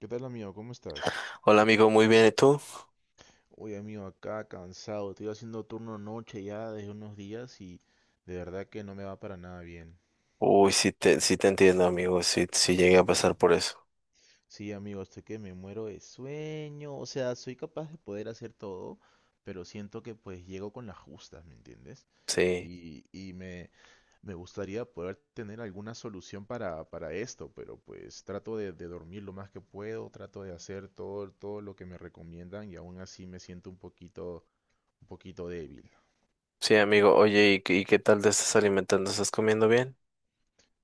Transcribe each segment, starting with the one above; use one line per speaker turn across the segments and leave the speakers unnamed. ¿Qué tal, amigo? ¿Cómo estás?
Hola amigo, muy bien, ¿y tú?
Oye, amigo, acá cansado. Estoy haciendo turno noche ya desde unos días y de verdad que no me va para nada bien.
Uy, sí te entiendo amigo, sí, sí
Sí,
llegué a pasar por eso.
sí, amigo, estoy que me muero de sueño. O sea, soy capaz de poder hacer todo, pero siento que pues llego con las justas, ¿me entiendes?
Sí,
Y, y me, Me gustaría poder tener alguna solución para esto, pero pues trato de dormir lo más que puedo, trato de hacer todo, todo lo que me recomiendan y aún así me siento un poquito débil.
sí amigo, oye, ¿y qué tal te estás alimentando? ¿Estás comiendo bien?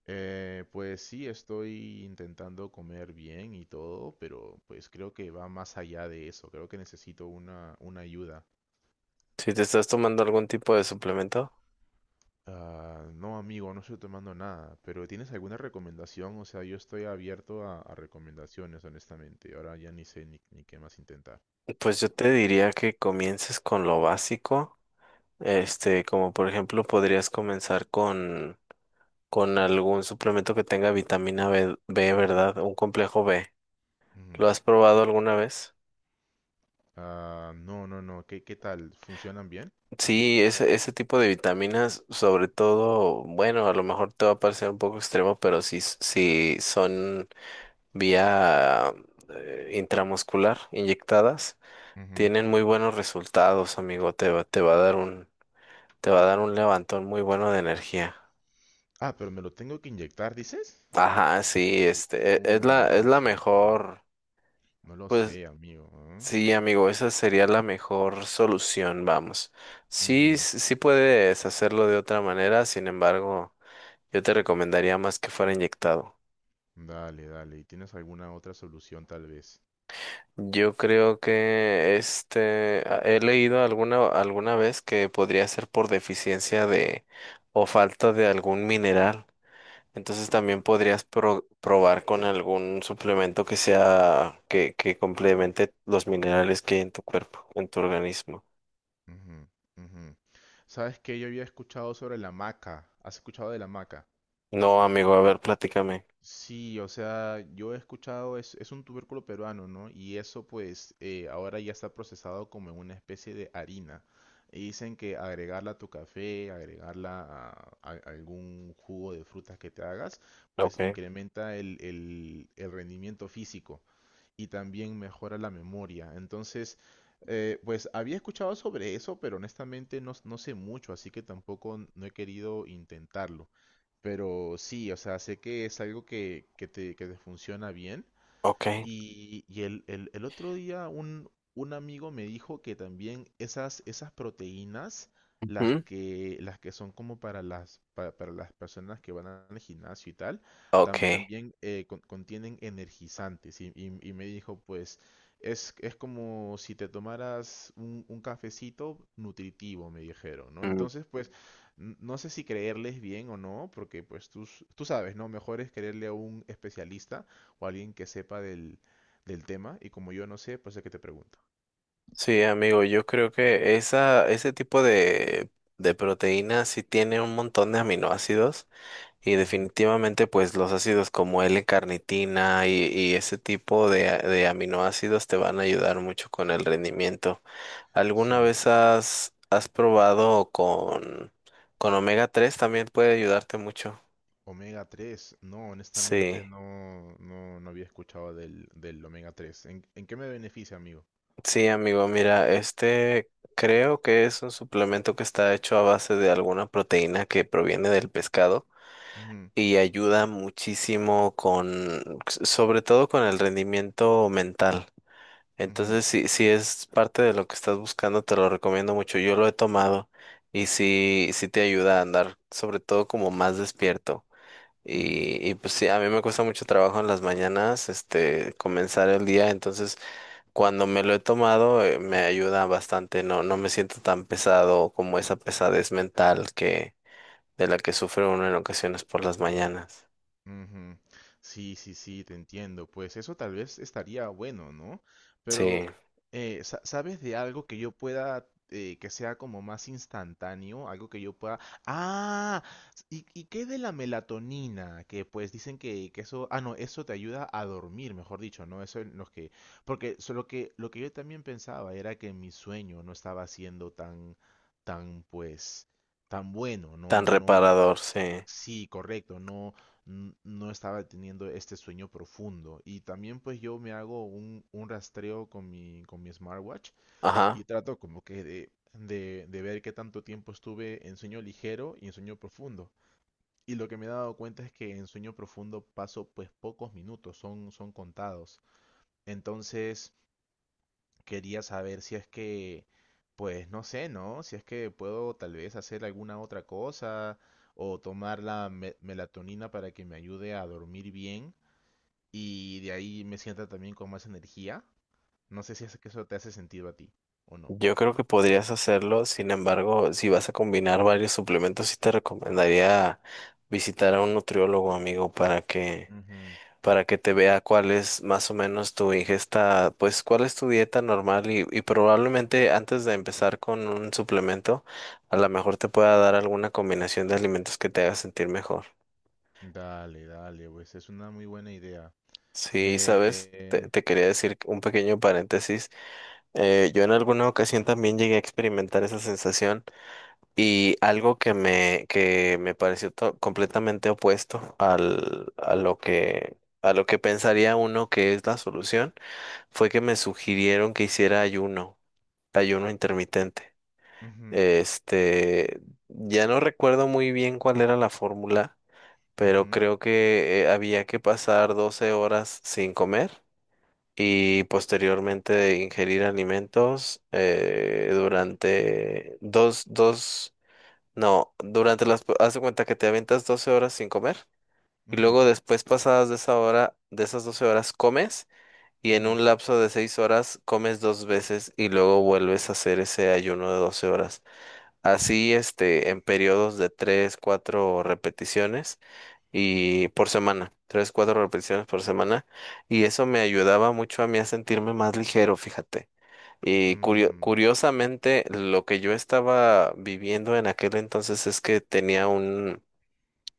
Pues sí, estoy intentando comer bien y todo, pero pues creo que va más allá de eso. Creo que necesito una ayuda.
¿Si te estás tomando algún tipo de suplemento?
Ah, no, amigo, no estoy tomando nada, pero ¿tienes alguna recomendación? O sea, yo estoy abierto a recomendaciones, honestamente. Ahora ya ni sé ni qué más intentar.
Pues yo te diría que comiences con lo básico, este, como por ejemplo podrías comenzar con algún suplemento que tenga vitamina B, ¿verdad? Un complejo B.
Ujú.
¿Lo has probado alguna vez?
Ah, no, no, no. ¿Qué, qué tal? ¿Funcionan bien?
Sí, ese tipo de vitaminas, sobre todo, bueno, a lo mejor te va a parecer un poco extremo, pero si son vía intramuscular inyectadas,
Ujú.
tienen muy buenos resultados, amigo. Te va a dar un levantón muy bueno de energía.
Ah, pero me lo tengo que inyectar, ¿dices?
Ajá, sí, este, e- es
Uy,
la,
no
es
lo
la
sé.
mejor.
No lo
Pues
sé, amigo. ¿Ah?
sí, amigo, esa sería la mejor solución, vamos. Sí,
Ujú.
sí sí puedes hacerlo de otra manera, sin embargo. Yo te recomendaría más que fuera inyectado.
Dale, dale. ¿Y tienes alguna otra solución tal vez?
Yo creo que este he leído alguna vez que podría ser por deficiencia de o falta de algún mineral. Entonces también podrías probar con algún suplemento que sea que complemente los minerales que hay en tu cuerpo, en tu organismo.
Ujú, ujú. ¿Sabes qué? Yo había escuchado sobre la maca. ¿Has escuchado de la maca?
No, amigo, a ver, platícame.
Sí, o sea, yo he escuchado, es un tubérculo peruano, ¿no? Y eso pues ahora ya está procesado como en una especie de harina. Y dicen que agregarla a tu café, agregarla a algún jugo de frutas que te hagas, pues
Okay,
incrementa el rendimiento físico. Y también mejora la memoria. Entonces, pues había escuchado sobre eso, pero honestamente no, no sé mucho, así que tampoco no he querido intentarlo. Pero sí, o sea, sé que es algo que te funciona bien
okay.
y el otro día un amigo me dijo que también esas, esas proteínas,
Ujú.
las que son como para las personas que van al gimnasio y tal,
Ok.
también contienen energizantes. Y me dijo, pues, es como si te tomaras un cafecito nutritivo, me dijeron, ¿no?
Mm.
Entonces, pues, no sé si creerles bien o no, porque pues tú sabes, ¿no? Mejor es creerle a un especialista o alguien que sepa del tema y como yo no sé, pues es que te pregunto.
Sí, amigo, yo creo que esa, ese tipo de proteína sí tiene un montón de aminoácidos y
Ujú.
definitivamente pues los ácidos como L-carnitina y ese tipo de, de aminoácidos te van a ayudar mucho con el rendimiento. ¿Alguna
Sí,
vez has, has probado con omega tres? También puede ayudarte mucho.
omega 3. No, honestamente
Sí,
no, no, no había escuchado del omega 3. ¿ En qué me beneficia, amigo?
sí, amigo, mira, este, creo que es un suplemento que está hecho a base de alguna proteína que proviene del pescado.
Ujú,
Y ayuda muchísimo con, sobre todo con el rendimiento mental.
ujú,
Entonces, si, si es parte de lo que estás buscando, te lo recomiendo mucho. Yo lo he tomado y
ujú,
sí, sí te ayuda a andar, sobre todo como más despierto.
ujú.
Y pues sí, a mí me cuesta mucho trabajo en las mañanas, este, comenzar el día. Entonces, cuando me lo he tomado, me ayuda bastante. No, no me siento tan pesado como esa pesadez mental que, de la que sufre uno en ocasiones por las mañanas.
Ujú. Sí, sí, sí, te entiendo. Pues eso tal vez estaría bueno, ¿no?
Sí.
Pero, ¿sabes de algo que yo pueda, que sea como más instantáneo? Algo que yo pueda... Ah, ¿ y qué de la melatonina? Que pues dicen que eso... Ah, no, eso te ayuda a dormir, mejor dicho, ¿no? Eso es lo que... Porque solo que lo que yo también pensaba era que mi sueño no estaba siendo tan, tan, pues, tan bueno,
Tan
¿no? No,
reparador, sí.
sí, correcto, no, no estaba teniendo este sueño profundo. Y también pues yo me hago un rastreo con con mi smartwatch y
Ajá.
trato como que de ver qué tanto tiempo estuve en sueño ligero y en sueño profundo. Y lo que me he dado cuenta es que en sueño profundo paso pues pocos minutos, son, son contados. Entonces, quería saber si es que, pues no sé, ¿no? Si es que puedo tal vez hacer alguna otra cosa o tomar melatonina para que me ayude a dormir bien y de ahí me sienta también con más energía. No sé si es que eso te hace sentido a ti o no.
Yo creo que podrías hacerlo. Sin embargo, si vas a combinar varios suplementos, sí te recomendaría visitar a un nutriólogo, amigo,
Ujú.
para que te vea cuál es más o menos tu ingesta, pues cuál es tu dieta normal, y probablemente antes de empezar con un suplemento, a lo mejor te pueda dar alguna combinación de alimentos que te haga sentir mejor.
Dale, dale, pues es una muy buena idea.
Sí, sabes,
Eh,
te quería
s-
decir un pequeño paréntesis. Yo en alguna ocasión también llegué a experimentar esa sensación, y algo que me pareció completamente opuesto al, a lo que pensaría uno que es la solución, fue que me sugirieron que hiciera ayuno, ayuno intermitente.
Ujú,
Este, ya no recuerdo muy bien cuál era la fórmula, pero
ujú,
creo que había que pasar 12 horas sin comer y posteriormente de ingerir alimentos durante dos, dos, no, durante las, haz de cuenta que te aventas 12 horas sin comer, y
ujú,
luego después, pasadas de esa hora, de esas 12 horas comes, y en
ujú,
un lapso de 6 horas comes dos veces y luego vuelves a hacer ese ayuno de 12 horas. Así, este, en periodos de 3 4 repeticiones, y por semana, tres, cuatro repeticiones por semana, y eso me ayudaba mucho a mí a sentirme más ligero, fíjate. Y
mm,
curiosamente, lo que yo estaba viviendo en aquel entonces es que tenía un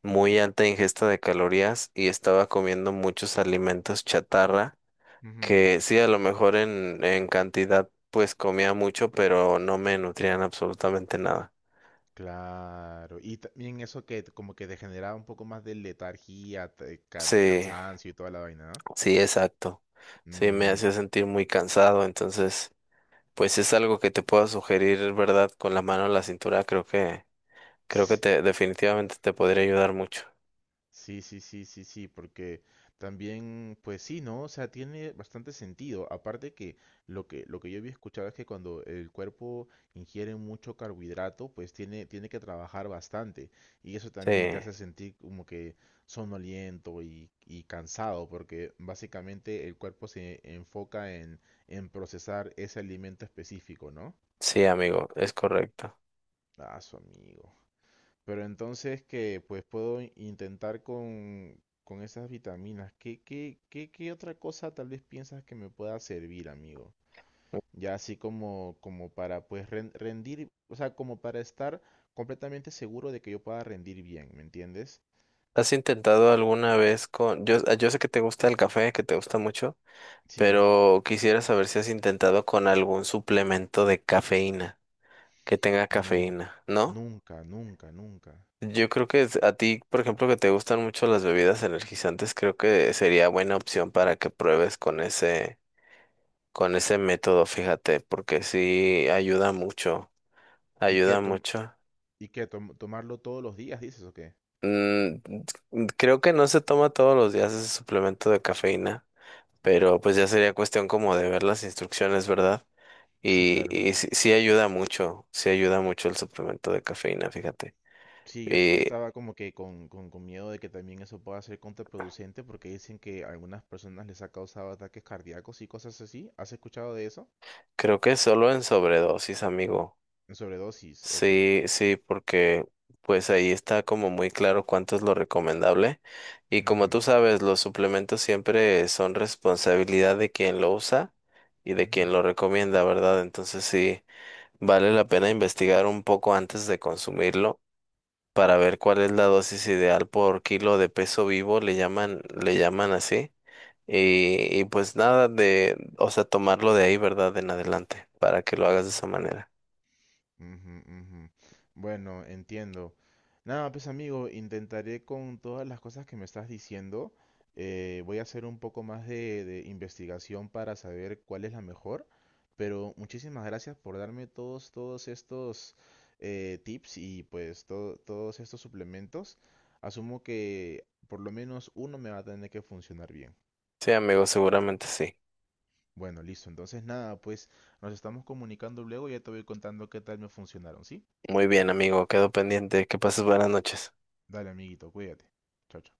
muy alta ingesta de calorías y estaba comiendo muchos alimentos chatarra,
ujú.
que sí, a lo mejor en cantidad pues comía mucho, pero no me nutrían absolutamente nada.
Claro, y también eso que como que te generaba un poco más de letargía,
Sí,
cansancio y toda la vaina, ¿no?
sí, exacto. Sí, me
Mm.
hacía sentir muy cansado, entonces... Pues es algo que te pueda sugerir, ¿verdad? Con la mano en la cintura, creo que, definitivamente te podría ayudar mucho.
Sí, sí, sí, sí, sí, porque también, pues sí, ¿no? O sea, tiene bastante sentido. Aparte que lo que yo había escuchado es que cuando el cuerpo ingiere mucho carbohidrato, pues tiene, tiene que trabajar bastante. Y eso
Sí,
también te hace sentir como que somnoliento y cansado, porque básicamente el cuerpo se enfoca en procesar ese alimento específico, ¿no?
sí, amigo, es correcto.
Ah, su amigo. Pero entonces que pues puedo intentar con esas vitaminas. ¿ qué otra cosa tal vez piensas que me pueda servir, amigo? Ya así como, como para pues rendir, o sea, como para estar completamente seguro de que yo pueda rendir bien, ¿me entiendes?
¿Has intentado alguna vez con... Yo, ah, yo sé que te gusta el café, que te gusta mucho,
Sí,
pero quisiera saber si has intentado con algún suplemento de cafeína, que tenga
no,
cafeína, ¿no?
nunca, nunca, nunca.
Yo creo que a ti, por ejemplo, que te gustan mucho las bebidas energizantes, creo que sería buena opción para que pruebes con ese método, fíjate, porque sí ayuda mucho,
¿Y qué,
ayuda
tom-
mucho.
y qué, tomarlo todos los días, dices o qué?
Mm, creo que no se toma todos los días ese suplemento de cafeína, pero pues ya sería cuestión como de ver las instrucciones, ¿verdad?
Sí, claro.
Y sí, sí ayuda mucho el suplemento de cafeína, fíjate.
Sí, yo
Y
estaba como que con miedo de que también eso pueda ser contraproducente porque dicen que a algunas personas les ha causado ataques cardíacos y cosas así. ¿Has escuchado de eso?
creo que solo en sobredosis, amigo.
En sobredosis. Ok, ok,
Sí,
ok.
sí, porque pues ahí está como muy claro cuánto es lo recomendable. Y como
Ujú,
tú sabes, los suplementos siempre son responsabilidad de quien lo usa y de quien
ujú,
lo recomienda, ¿verdad? Entonces sí, vale la pena investigar un poco antes de consumirlo para ver cuál es la dosis ideal por kilo de peso vivo, le llaman, así. Y pues nada de, o sea, tomarlo de ahí, ¿verdad? En adelante, para que lo hagas de
ujú.
esa manera.
Ujú, ujú. Bueno, entiendo. Nada, pues amigo, intentaré con todas las cosas que me estás diciendo. Voy a hacer un poco más de investigación para saber cuál es la mejor. Pero muchísimas gracias por darme todos, todos estos tips y pues todos estos suplementos. Asumo que por lo menos uno me va a tener que funcionar bien.
Sí, amigo, seguramente sí.
Bueno, listo. Entonces nada, pues nos estamos comunicando luego y ya te voy contando qué tal me funcionaron, ¿sí?
Muy bien, amigo, quedo pendiente. Que pases buenas noches.
Dale, amiguito, cuídate. Chao, chao.